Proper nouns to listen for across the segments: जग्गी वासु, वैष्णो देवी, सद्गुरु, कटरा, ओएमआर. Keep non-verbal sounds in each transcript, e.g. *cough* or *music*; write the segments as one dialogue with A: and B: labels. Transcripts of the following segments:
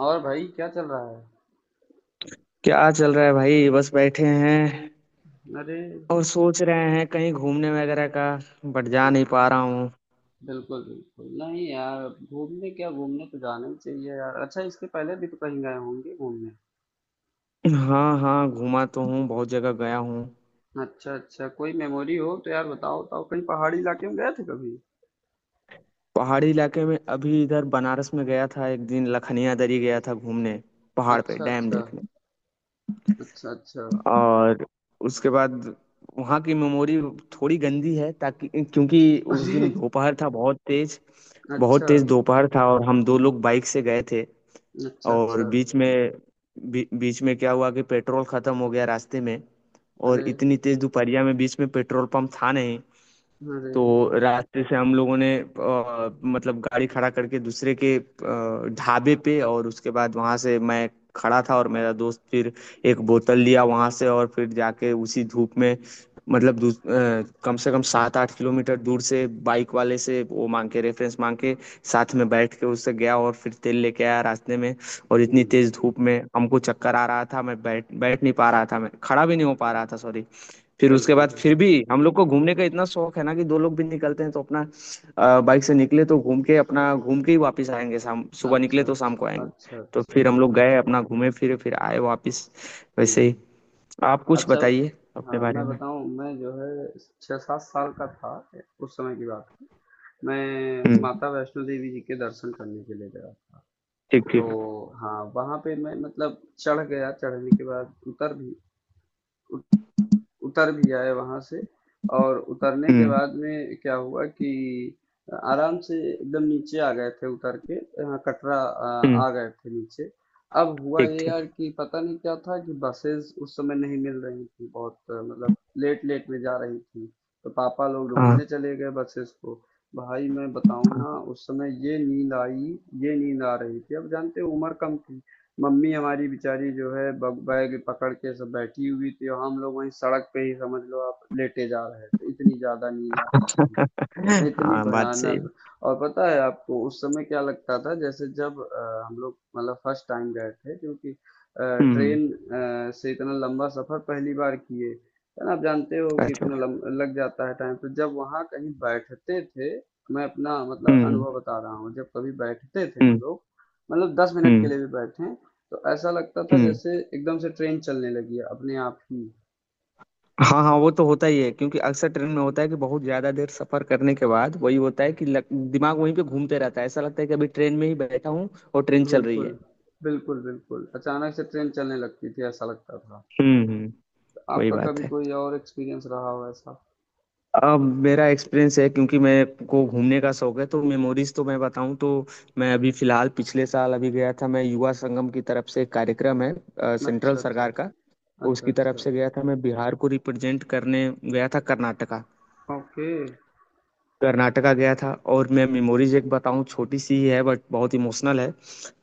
A: और भाई क्या चल रहा है।
B: क्या चल रहा है भाई, बस बैठे हैं।
A: अरे,
B: और सोच रहे हैं कहीं घूमने वगैरह का। बट जा नहीं पा रहा हूँ।
A: बिल्कुल बिल्कुल नहीं यार। घूमने क्या, घूमने तो जाना ही चाहिए यार। अच्छा, इसके पहले भी तो कहीं गए होंगे घूमने।
B: हाँ हाँ, घूमा तो हूँ, बहुत जगह गया हूँ।
A: अच्छा अच्छा, कोई मेमोरी हो तो यार बताओ बताओ, कहीं पहाड़ी इलाके में गए थे कभी?
B: पहाड़ी इलाके में अभी इधर बनारस में गया था, एक दिन लखनिया दरी गया था घूमने। पहाड़ पे
A: अच्छा
B: डैम
A: अच्छा।
B: देखने।
A: अच्छा अच्छा।
B: और उसके बाद वहाँ की मेमोरी थोड़ी गंदी है ताकि क्योंकि उस
A: अरे।
B: दिन दोपहर था बहुत तेज। बहुत
A: अच्छा
B: तेज दोपहर था और हम दो लोग बाइक से गए थे।
A: अच्छा।
B: और
A: अच्छा।
B: बीच में बीच में क्या हुआ कि पेट्रोल खत्म हो गया रास्ते में। और
A: अरे।
B: इतनी तेज दोपहरिया में बीच में पेट्रोल पंप था नहीं।
A: अरे।
B: तो रास्ते से हम लोगों ने मतलब गाड़ी खड़ा करके दूसरे के ढाबे पे। और उसके बाद वहां से मैं खड़ा था और मेरा दोस्त फिर एक बोतल लिया वहां से। और फिर जाके उसी धूप में मतलब कम से कम 7 8 किलोमीटर दूर से बाइक वाले से वो मांग के, रेफरेंस मांग के, साथ में बैठ के उससे गया और फिर तेल लेके आया रास्ते में। और इतनी
A: हम्म।
B: तेज धूप में हमको चक्कर आ रहा था, मैं बैठ बैठ नहीं पा रहा था, मैं खड़ा भी नहीं हो पा रहा था, सॉरी। फिर उसके
A: बिल्कुल
B: बाद फिर
A: बिल्कुल।
B: भी हम लोग को घूमने का इतना शौक है ना कि दो लोग भी निकलते हैं तो अपना बाइक से निकले तो घूम के, अपना घूम के ही वापस आएंगे, शाम सुबह
A: अच्छा
B: निकले तो शाम
A: अच्छा
B: को आएंगे।
A: अच्छा
B: तो
A: अच्छा।
B: फिर हम लोग गए अपना, घूमे फिरे, फिर आए वापस। वैसे
A: हम्म।
B: ही। आप कुछ
A: अच्छा।
B: बताइए अपने
A: हाँ,
B: बारे
A: मैं
B: में।
A: बताऊं। मैं जो है 6-7 साल का था, उस समय की बात। मैं
B: हम्म।
A: माता वैष्णो देवी जी के दर्शन करने के लिए गया था।
B: ठीक
A: तो
B: ठीक।
A: हाँ, वहाँ पे मैं मतलब चढ़ गया, चढ़ने के बाद उतर भी, आए वहाँ से। और उतरने के
B: हम्म
A: बाद में क्या हुआ कि आराम से एकदम नीचे आ गए थे, उतर के यहाँ कटरा
B: हम्म।
A: आ गए थे नीचे। अब हुआ
B: ठीक
A: ये
B: ठीक।
A: यार कि पता नहीं क्या था कि बसेस उस समय नहीं मिल रही थी, बहुत मतलब लेट लेट में जा रही थी। तो पापा लोग
B: हाँ
A: ढूंढने चले गए बसेस को। भाई मैं बताऊं
B: हाँ
A: ना, उस समय ये नींद आई, ये नींद आ रही थी। अब जानते हो उम्र कम थी। मम्मी हमारी बेचारी जो है ब बैग पकड़ के सब बैठी हुई थी और हम लोग वहीं सड़क पे ही समझ लो आप, लेटे जा रहे थे, इतनी ज़्यादा नींद आ रही थी। इतनी
B: हाँ, बात सही
A: भयानक।
B: है।
A: और पता है आपको उस समय क्या लगता था, जैसे जब हम लोग मतलब फर्स्ट टाइम गए थे, क्योंकि
B: हम्म।
A: ट्रेन से इतना लंबा सफर पहली बार किए, है ना। आप जानते हो कि
B: अच्छा।
A: इतना लग जाता है टाइम, तो जब वहां कहीं बैठते थे, मैं अपना मतलब
B: हम्म हम्म
A: अनुभव बता रहा हूँ, जब कभी बैठते थे हम लोग, मतलब 10 मिनट के
B: हम्म
A: लिए भी बैठे, तो ऐसा लगता था
B: हम्म।
A: जैसे एकदम से ट्रेन चलने लगी है अपने आप ही।
B: हाँ हाँ, वो तो होता ही है क्योंकि अक्सर ट्रेन में होता है कि बहुत ज्यादा देर सफर करने के बाद वही होता है कि दिमाग वहीं पे घूमते रहता है, ऐसा लगता है कि अभी ट्रेन में ही बैठा हूँ और ट्रेन चल रही
A: बिल्कुल।
B: है।
A: बिल्कुल बिल्कुल, अचानक से ट्रेन चलने लगती थी ऐसा लगता था।
B: हम्म। वही
A: आपका
B: बात
A: कभी
B: है।
A: कोई और एक्सपीरियंस रहा हो ऐसा?
B: अब मेरा एक्सपीरियंस है, क्योंकि मेरे को घूमने का शौक है तो मेमोरीज तो मैं बताऊं तो, मैं अभी फिलहाल पिछले साल अभी गया था, मैं युवा संगम की तरफ से, एक कार्यक्रम है सेंट्रल
A: अच्छा, अच्छा।
B: सरकार का,
A: अच्छा,
B: उसकी तरफ
A: अच्छा।
B: से गया था। मैं बिहार को रिप्रेजेंट करने गया था कर्नाटका।
A: ओके।
B: कर्नाटका गया था। और मैं मेमोरीज एक बताऊं, छोटी सी ही है बट बहुत इमोशनल है।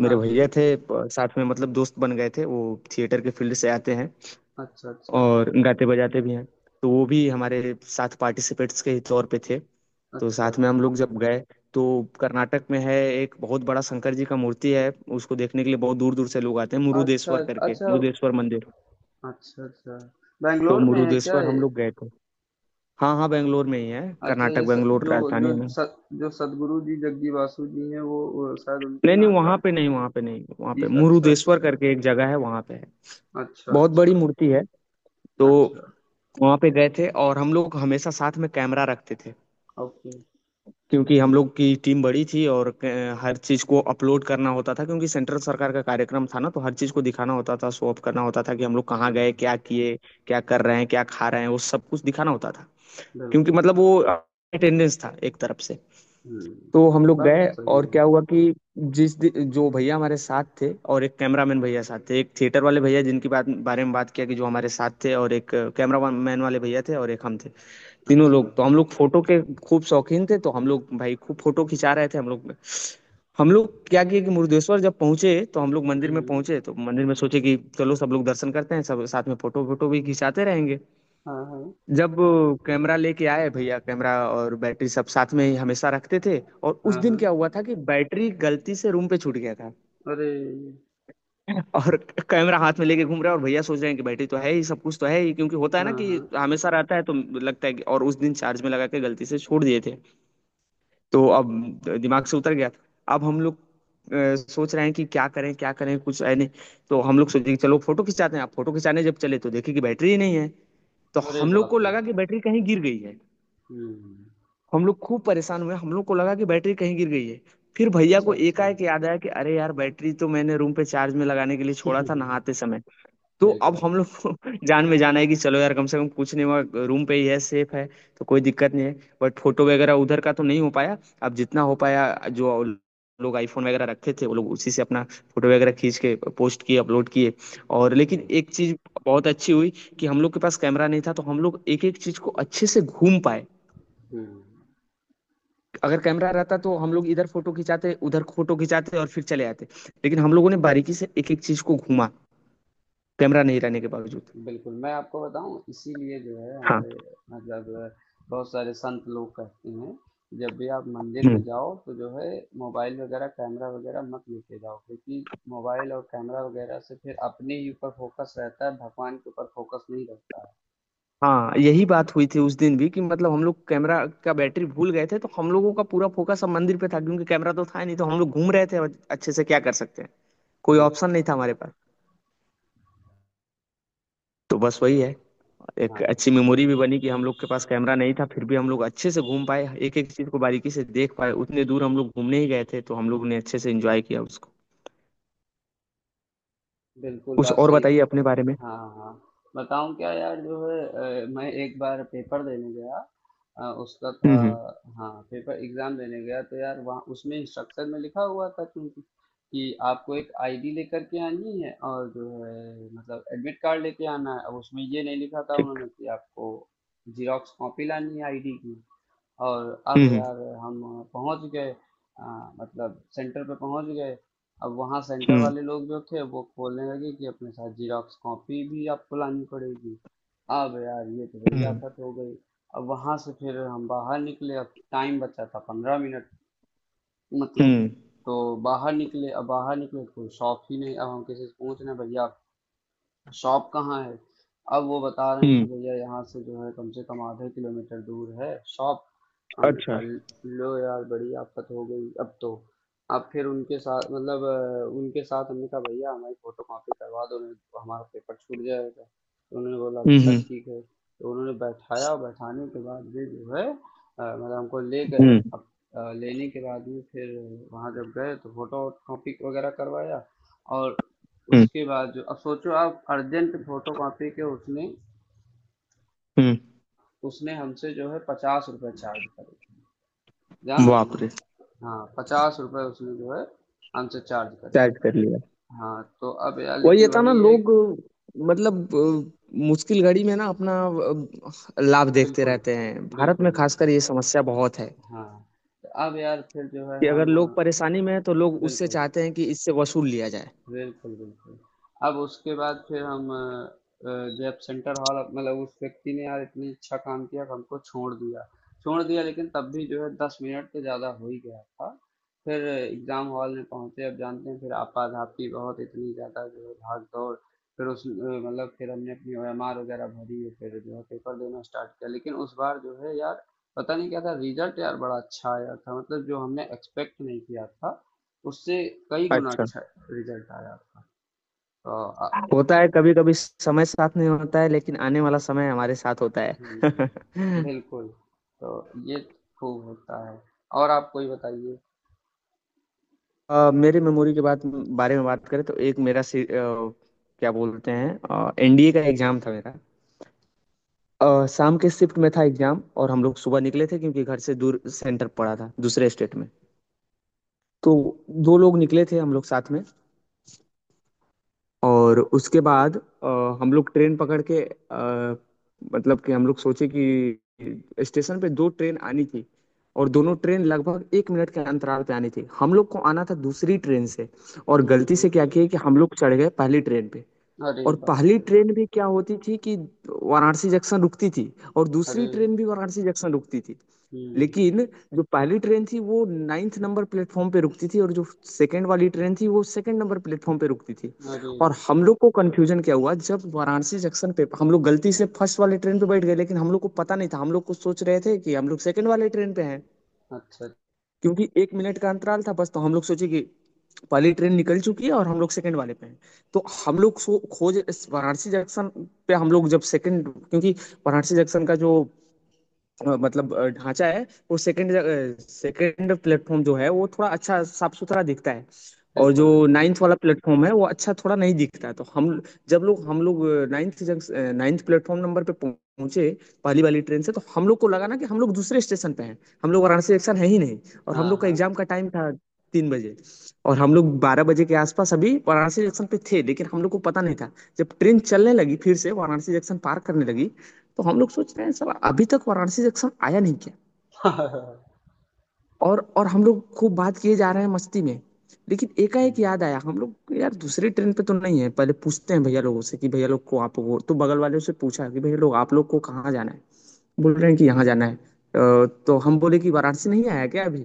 B: मेरे
A: हाँ,
B: भैया
A: हाँ।
B: थे साथ में, मतलब दोस्त बन गए थे वो। थिएटर के फील्ड से आते हैं
A: अच्छा, अच्छा।
B: और गाते बजाते भी हैं। तो वो भी हमारे साथ पार्टिसिपेट्स के ही तौर पे थे। तो
A: अच्छा।
B: साथ में हम लोग जब गए, तो कर्नाटक में है एक बहुत बड़ा शंकर जी का मूर्ति है, उसको देखने के लिए बहुत दूर दूर से लोग आते हैं,
A: अच्छा,
B: मुरुदेश्वर करके,
A: अच्छा।
B: मुरुदेश्वर मंदिर।
A: अच्छा, अच्छा।
B: तो
A: बैंगलोर में है क्या
B: मुरुदेश्वर हम
A: ये?
B: लोग गए थे। हाँ हाँ, बेंगलोर में ही है,
A: अच्छा,
B: कर्नाटक,
A: ये स
B: बेंगलोर
A: जो जो
B: राजधानी है ना।
A: सत जो सद्गुरु जी, जग्गी वासु जी हैं, वो शायद उनके
B: नहीं नहीं,
A: यहाँ
B: वहां
A: का
B: पे नहीं, वहां पे नहीं, वहां
A: है।
B: पे
A: इस अच्छा,
B: मुरुदेश्वर
A: अच्छा।
B: करके एक जगह है, वहां पे है।
A: अच्छा,
B: बहुत बड़ी
A: अच्छा।
B: मूर्ति है। तो
A: अच्छा।
B: वहां पे गए थे और हम लोग हमेशा साथ में कैमरा रखते थे।
A: ओके।
B: क्योंकि हम लोग की टीम बड़ी थी और हर चीज को अपलोड करना होता था, क्योंकि सेंट्रल सरकार का कार्यक्रम था ना, तो हर चीज को दिखाना होता था, शो ऑफ करना होता था कि हम लोग कहाँ गए,
A: हुँ।
B: क्या किए, क्या कर रहे हैं, क्या खा रहे हैं, वो सब कुछ दिखाना होता था। क्योंकि
A: बिल्कुल।
B: मतलब वो अटेंडेंस था एक तरफ से।
A: हुँ।
B: तो हम लोग
A: बात
B: गए
A: तो सही
B: और
A: है।
B: क्या हुआ कि, जो भैया हमारे साथ थे और एक कैमरामैन भैया साथ थे, एक थिएटर वाले भैया जिनकी बात बारे में बात किया, कि जो हमारे साथ थे, और एक कैमरामैन वाले भैया थे, और एक हम थे। तीनों
A: अच्छा।
B: लोग, तो हम लोग फोटो के खूब शौकीन थे, तो हम लोग भाई खूब फोटो खिंचा रहे थे हम लोग। हम लोग क्या किए कि मुरुदेश्वर जब पहुंचे तो हम लोग
A: हुँ,
B: मंदिर में पहुंचे,
A: हुँ।
B: तो मंदिर में सोचे कि चलो सब लोग दर्शन करते हैं, सब साथ में फोटो वोटो भी खिंचाते रहेंगे।
A: हाँ, हाँ।
B: जब कैमरा लेके आए भैया, कैमरा और बैटरी सब साथ में ही हमेशा रखते थे, और उस
A: हाँ,
B: दिन
A: हाँ।
B: क्या हुआ था कि बैटरी गलती से रूम पे छूट गया था।
A: अरे!
B: *laughs* और कैमरा हाथ में लेके घूम रहे हैं और भैया सोच रहे हैं कि बैटरी तो है ही, सब कुछ तो है ही, क्योंकि होता है
A: हाँ,
B: ना कि
A: हाँ।
B: हमेशा रहता है तो लगता है कि, और उस दिन चार्ज में लगा के गलती से छोड़ दिए थे। तो अब दिमाग से उतर गया था। अब हम लोग सोच रहे हैं कि क्या करें क्या करें, कुछ है नहीं। तो हम लोग सोचे कि चलो फोटो खिंचाते हैं। आप फोटो खिंचाने जब चले तो देखे कि बैटरी ही नहीं है। तो
A: अरे
B: हम लोग
A: बाप
B: को
A: रे!
B: लगा कि बैटरी कहीं गिर गई है।
A: हुँ।
B: हम लोग खूब परेशान हुए, हम लोग को लगा कि बैटरी कहीं गिर गई है। फिर भैया
A: अच्छा,
B: को
A: अच्छा।
B: एकाएक याद आया कि अरे यार, बैटरी तो मैंने रूम पे चार्ज में लगाने के लिए छोड़ा था नहाते
A: *laughs*
B: समय। तो अब
A: बिल्कुल,
B: हम लोग को *laughs* जान में जाना है कि चलो यार कम से कम कुछ नहीं हुआ, रूम पे ही है, सेफ है, तो कोई दिक्कत नहीं है। बट फोटो वगैरह उधर का तो नहीं हो पाया। अब जितना हो पाया, जो लोग आईफोन वगैरह रखे थे, वो लोग उसी से अपना फोटो वगैरह खींच के पोस्ट किए, अपलोड किए। और लेकिन
A: बिल्कुल।
B: एक चीज बहुत अच्छी हुई, कि हम लोग के पास कैमरा नहीं था तो हम लोग एक एक चीज को अच्छे से घूम पाए।
A: हुँ।
B: अगर कैमरा रहता तो हम लोग इधर फोटो खिंचाते, उधर फोटो खिंचाते, और फिर चले आते। लेकिन हम लोगों ने बारीकी से एक एक चीज को घूमा, कैमरा नहीं रहने के बावजूद।
A: बिल्कुल, मैं आपको बताऊँ, इसीलिए जो है
B: हाँ।
A: हमारे मतलब बहुत सारे संत लोग कहते हैं, जब भी आप मंदिर में
B: हम्म।
A: जाओ तो जो है मोबाइल वगैरह, कैमरा वगैरह मत लेके जाओ, क्योंकि मोबाइल और कैमरा वगैरह से फिर अपने ही ऊपर फ़ोकस रहता है, भगवान के ऊपर फ़ोकस नहीं रहता है।
B: हाँ यही बात हुई थी उस दिन भी कि मतलब हम लोग कैमरा का बैटरी भूल गए थे तो हम लोगों का पूरा फोकस अब मंदिर पे था, क्योंकि कैमरा तो था ही नहीं, तो हम लोग घूम रहे थे और अच्छे से, क्या कर सकते हैं, कोई
A: बिल्कुल।
B: ऑप्शन नहीं था हमारे पास। तो बस वही है, एक
A: हाँ।
B: अच्छी मेमोरी भी बनी, कि हम लोग के पास कैमरा नहीं था फिर भी हम लोग अच्छे से घूम पाए, एक एक चीज को बारीकी से देख पाए, उतने दूर हम लोग घूमने ही गए थे तो हम लोग ने अच्छे से एंजॉय किया उसको।
A: बिल्कुल,
B: कुछ
A: बात
B: और
A: सही
B: बताइए
A: क।
B: अपने बारे में।
A: हाँ, हाँ। बताऊँ क्या यार, जो है मैं एक बार पेपर देने गया, उसका था।
B: हम्म।
A: हाँ, पेपर, एग्ज़ाम देने गया तो यार वहाँ उसमें इंस्ट्रक्शन में लिखा हुआ था क्योंकि, कि आपको एक आईडी लेकर के आनी है, और जो है मतलब एडमिट कार्ड लेके आना है। अब उसमें ये नहीं लिखा था
B: ठीक।
A: उन्होंने कि आपको ज़ेरॉक्स कॉपी लानी है आईडी की। और अब
B: हम्म
A: यार हम पहुंच गए, अ, मतलब सेंटर पे पहुंच गए। अब वहाँ सेंटर
B: हम्म
A: वाले लोग जो थे वो बोलने लगे कि अपने साथ जीरोक्स कॉपी भी आपको लानी पड़ेगी। अब यार ये तो बड़ी
B: हम्म
A: आफत हो गई। अब वहाँ से फिर हम बाहर निकले, अब टाइम बचा था 15 मिनट, मतलब।
B: हम्म
A: तो बाहर निकले, अब बाहर निकले तो कोई शॉप ही नहीं। अब हम किसी से पूछ रहे हैं, भैया शॉप कहाँ है? अब वो बता रहे हैं
B: हम्म।
A: कि भैया यहाँ से जो है कम से कम आधे किलोमीटर दूर है शॉप। हमने
B: अच्छा।
A: कहा, लो यार बड़ी आफत हो गई अब तो। अब फिर उनके साथ मतलब उनके साथ हमने कहा, भैया हमारी फोटो कॉपी करवा दो नहीं तो हमारा पेपर छूट जाएगा। तो उन्होंने बोला
B: हम्म
A: अच्छा
B: हम्म
A: ठीक है। तो उन्होंने बैठाया, और बैठाने के बाद ये जो है मतलब हमको ले गए।
B: हम्म
A: अब लेने के बाद में फिर वहाँ जब गए तो फोटो कॉपी वगैरह करवाया। और
B: हम्म
A: उसके बाद जो अब सोचो आप, अर्जेंट फोटो कॉपी के उसने
B: हम्म,
A: उसने हमसे जो है 50 रुपये चार्ज करे, जान रहे
B: बाप रे।
A: हैं। हाँ, 50 रुपये उसने जो है हमसे चार्ज करे
B: चैट
A: थे।
B: कर लिया।
A: हाँ तो अब यार
B: वही
A: लेकिन
B: ये था ना
A: वही है।
B: लोग, मतलब मुश्किल घड़ी में ना अपना लाभ देखते
A: बिल्कुल।
B: रहते हैं। भारत
A: बिल्कुल
B: में
A: बिल्कुल।
B: खासकर ये समस्या बहुत है
A: हाँ। तो अब यार फिर जो है
B: कि अगर
A: हम,
B: लोग परेशानी में हैं तो लोग उससे
A: बिल्कुल।
B: चाहते हैं कि इससे वसूल लिया जाए।
A: बिल्कुल, बिल्कुल। अब उसके बाद फिर हम, अ, जब सेंटर हॉल मतलब उस व्यक्ति ने यार इतनी अच्छा काम किया कि हमको छोड़ दिया। छोड़ दिया, लेकिन तब भी जो है 10 मिनट तो ज़्यादा हो ही गया था। फिर एग्ज़ाम हॉल में पहुँचे, अब जानते हैं फिर आपाधापी बहुत इतनी ज़्यादा जो है भाग-दौड़, फिर उस मतलब फिर हमने अपनी ओएमआर वगैरह भरी है, फिर जो है पेपर देना स्टार्ट किया। लेकिन उस बार जो है यार पता नहीं क्या था, रिज़ल्ट यार बड़ा अच्छा आया था, मतलब जो हमने एक्सपेक्ट नहीं किया था, उससे कई गुना
B: अच्छा।
A: अच्छा रिजल्ट आया आपका। तो आ-
B: होता है कभी कभी समय साथ नहीं होता है, लेकिन आने वाला समय हमारे साथ होता है।
A: हम्म,
B: *laughs*
A: बिल्कुल। तो ये खूब होता है, और आप कोई बताइए।
B: मेरे मेमोरी के बात बारे में बात करें तो एक मेरा क्या बोलते हैं, एनडीए का एग्जाम था मेरा। शाम के शिफ्ट में था एग्जाम, और हम लोग सुबह निकले थे क्योंकि घर से दूर सेंटर पड़ा था, दूसरे स्टेट में। तो दो लोग निकले थे हम लोग साथ में। और उसके बाद हम लोग ट्रेन पकड़ के मतलब कि हम लोग सोचे कि स्टेशन पे दो ट्रेन आनी थी और दोनों ट्रेन लगभग 1 मिनट के अंतराल पे आनी थी, हम लोग को आना था दूसरी ट्रेन से। और गलती से
A: हम्म।
B: क्या किया कि हम लोग चढ़ गए पहली ट्रेन पे।
A: अरे
B: और
A: बाप
B: पहली
A: रे।
B: ट्रेन भी क्या होती थी कि वाराणसी जंक्शन रुकती थी, और
A: अरे।
B: दूसरी ट्रेन भी वाराणसी जंक्शन रुकती थी।
A: हम्म।
B: लेकिन जो पहली ट्रेन थी वो नाइन्थ नंबर प्लेटफॉर्म पे रुकती थी, और जो सेकंड वाली ट्रेन थी वो सेकंड नंबर प्लेटफॉर्म पे रुकती थी।
A: अरे।
B: और हम लोग को कंफ्यूजन क्या हुआ, जब वाराणसी जंक्शन पे हम लोग गलती से फर्स्ट वाले ट्रेन पे बैठ गए लेकिन हम लोग को पता नहीं था, हम लोग को सोच रहे थे कि हम लोग सेकंड वाले ट्रेन पे हैं।
A: अच्छा।
B: क्योंकि 1 मिनट का अंतराल था बस, तो हम लोग सोचे कि पहली ट्रेन निकल चुकी है और हम लोग सेकंड वाले पे हैं। तो हम लोग सो खोज इस वाराणसी जंक्शन पे हम लोग जब सेकंड, क्योंकि वाराणसी जंक्शन का जो मतलब ढांचा है, वो सेकंड, सेकंड प्लेटफॉर्म जो है वो थोड़ा अच्छा साफ सुथरा दिखता है, और जो
A: बिल्कुल बिल्कुल।
B: नाइन्थ वाला प्लेटफॉर्म है वो अच्छा थोड़ा नहीं दिखता है। तो हम, जब लोग, हम लोग ninth junction ninth platform number पे पहुंचे, पहली वाली ट्रेन से, तो हम लोग को लगा ना कि हम लोग दूसरे स्टेशन पे हैं, हम लोग वाराणसी जंक्शन है ही नहीं। और
A: हाँ,
B: हम लोग का
A: हाँ।
B: एग्जाम का टाइम था 3 बजे, और हम लोग 12 बजे के आसपास अभी वाराणसी जंक्शन पे थे, लेकिन हम लोग को पता नहीं था। जब ट्रेन चलने लगी फिर से वाराणसी जंक्शन पार करने लगी, तो हम लोग सोच रहे हैं सर अभी तक वाराणसी सेक्शन आया नहीं क्या।
A: *laughs* हम्म।
B: और हम लोग खूब बात किए जा रहे हैं मस्ती में। लेकिन एकाएक याद आया, हम लोग यार दूसरी ट्रेन पे तो नहीं है, पहले पूछते हैं भैया लोगों से कि भैया लोग को आप, वो तो बगल वाले से पूछा कि भैया लोग आप लोग को कहाँ जाना है। बोल रहे हैं कि यहाँ जाना है, तो हम बोले कि वाराणसी नहीं आया क्या अभी।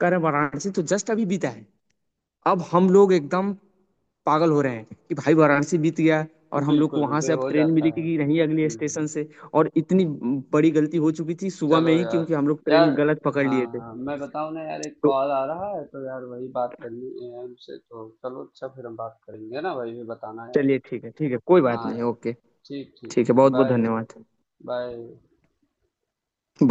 B: कह रहे हैं, वाराणसी तो जस्ट अभी बीता है। अब हम लोग एकदम पागल हो रहे हैं कि भाई वाराणसी बीत गया और हम लोग को
A: बिल्कुल
B: वहां
A: बिल्कुल,
B: से अब
A: हो
B: ट्रेन
A: जाता है।
B: मिलेगी नहीं, अगले स्टेशन
A: हम्म।
B: से। और इतनी बड़ी गलती हो चुकी थी सुबह
A: चलो
B: में ही,
A: यार,
B: क्योंकि हम लोग
A: यार,
B: ट्रेन गलत पकड़
A: हाँ
B: लिए थे।
A: हाँ, मैं बताऊँ ना यार, एक
B: तो
A: कॉल आ रहा है तो यार वही बात करनी है हमसे, तो चलो अच्छा, फिर हम बात करेंगे ना भाई, फिर बताना यार।
B: चलिए ठीक है, ठीक है, कोई बात
A: हाँ यार।
B: नहीं, ओके।
A: ठीक ठीक
B: ठीक है,
A: ठीक।
B: बहुत बहुत
A: बाय।
B: धन्यवाद।
A: Bye.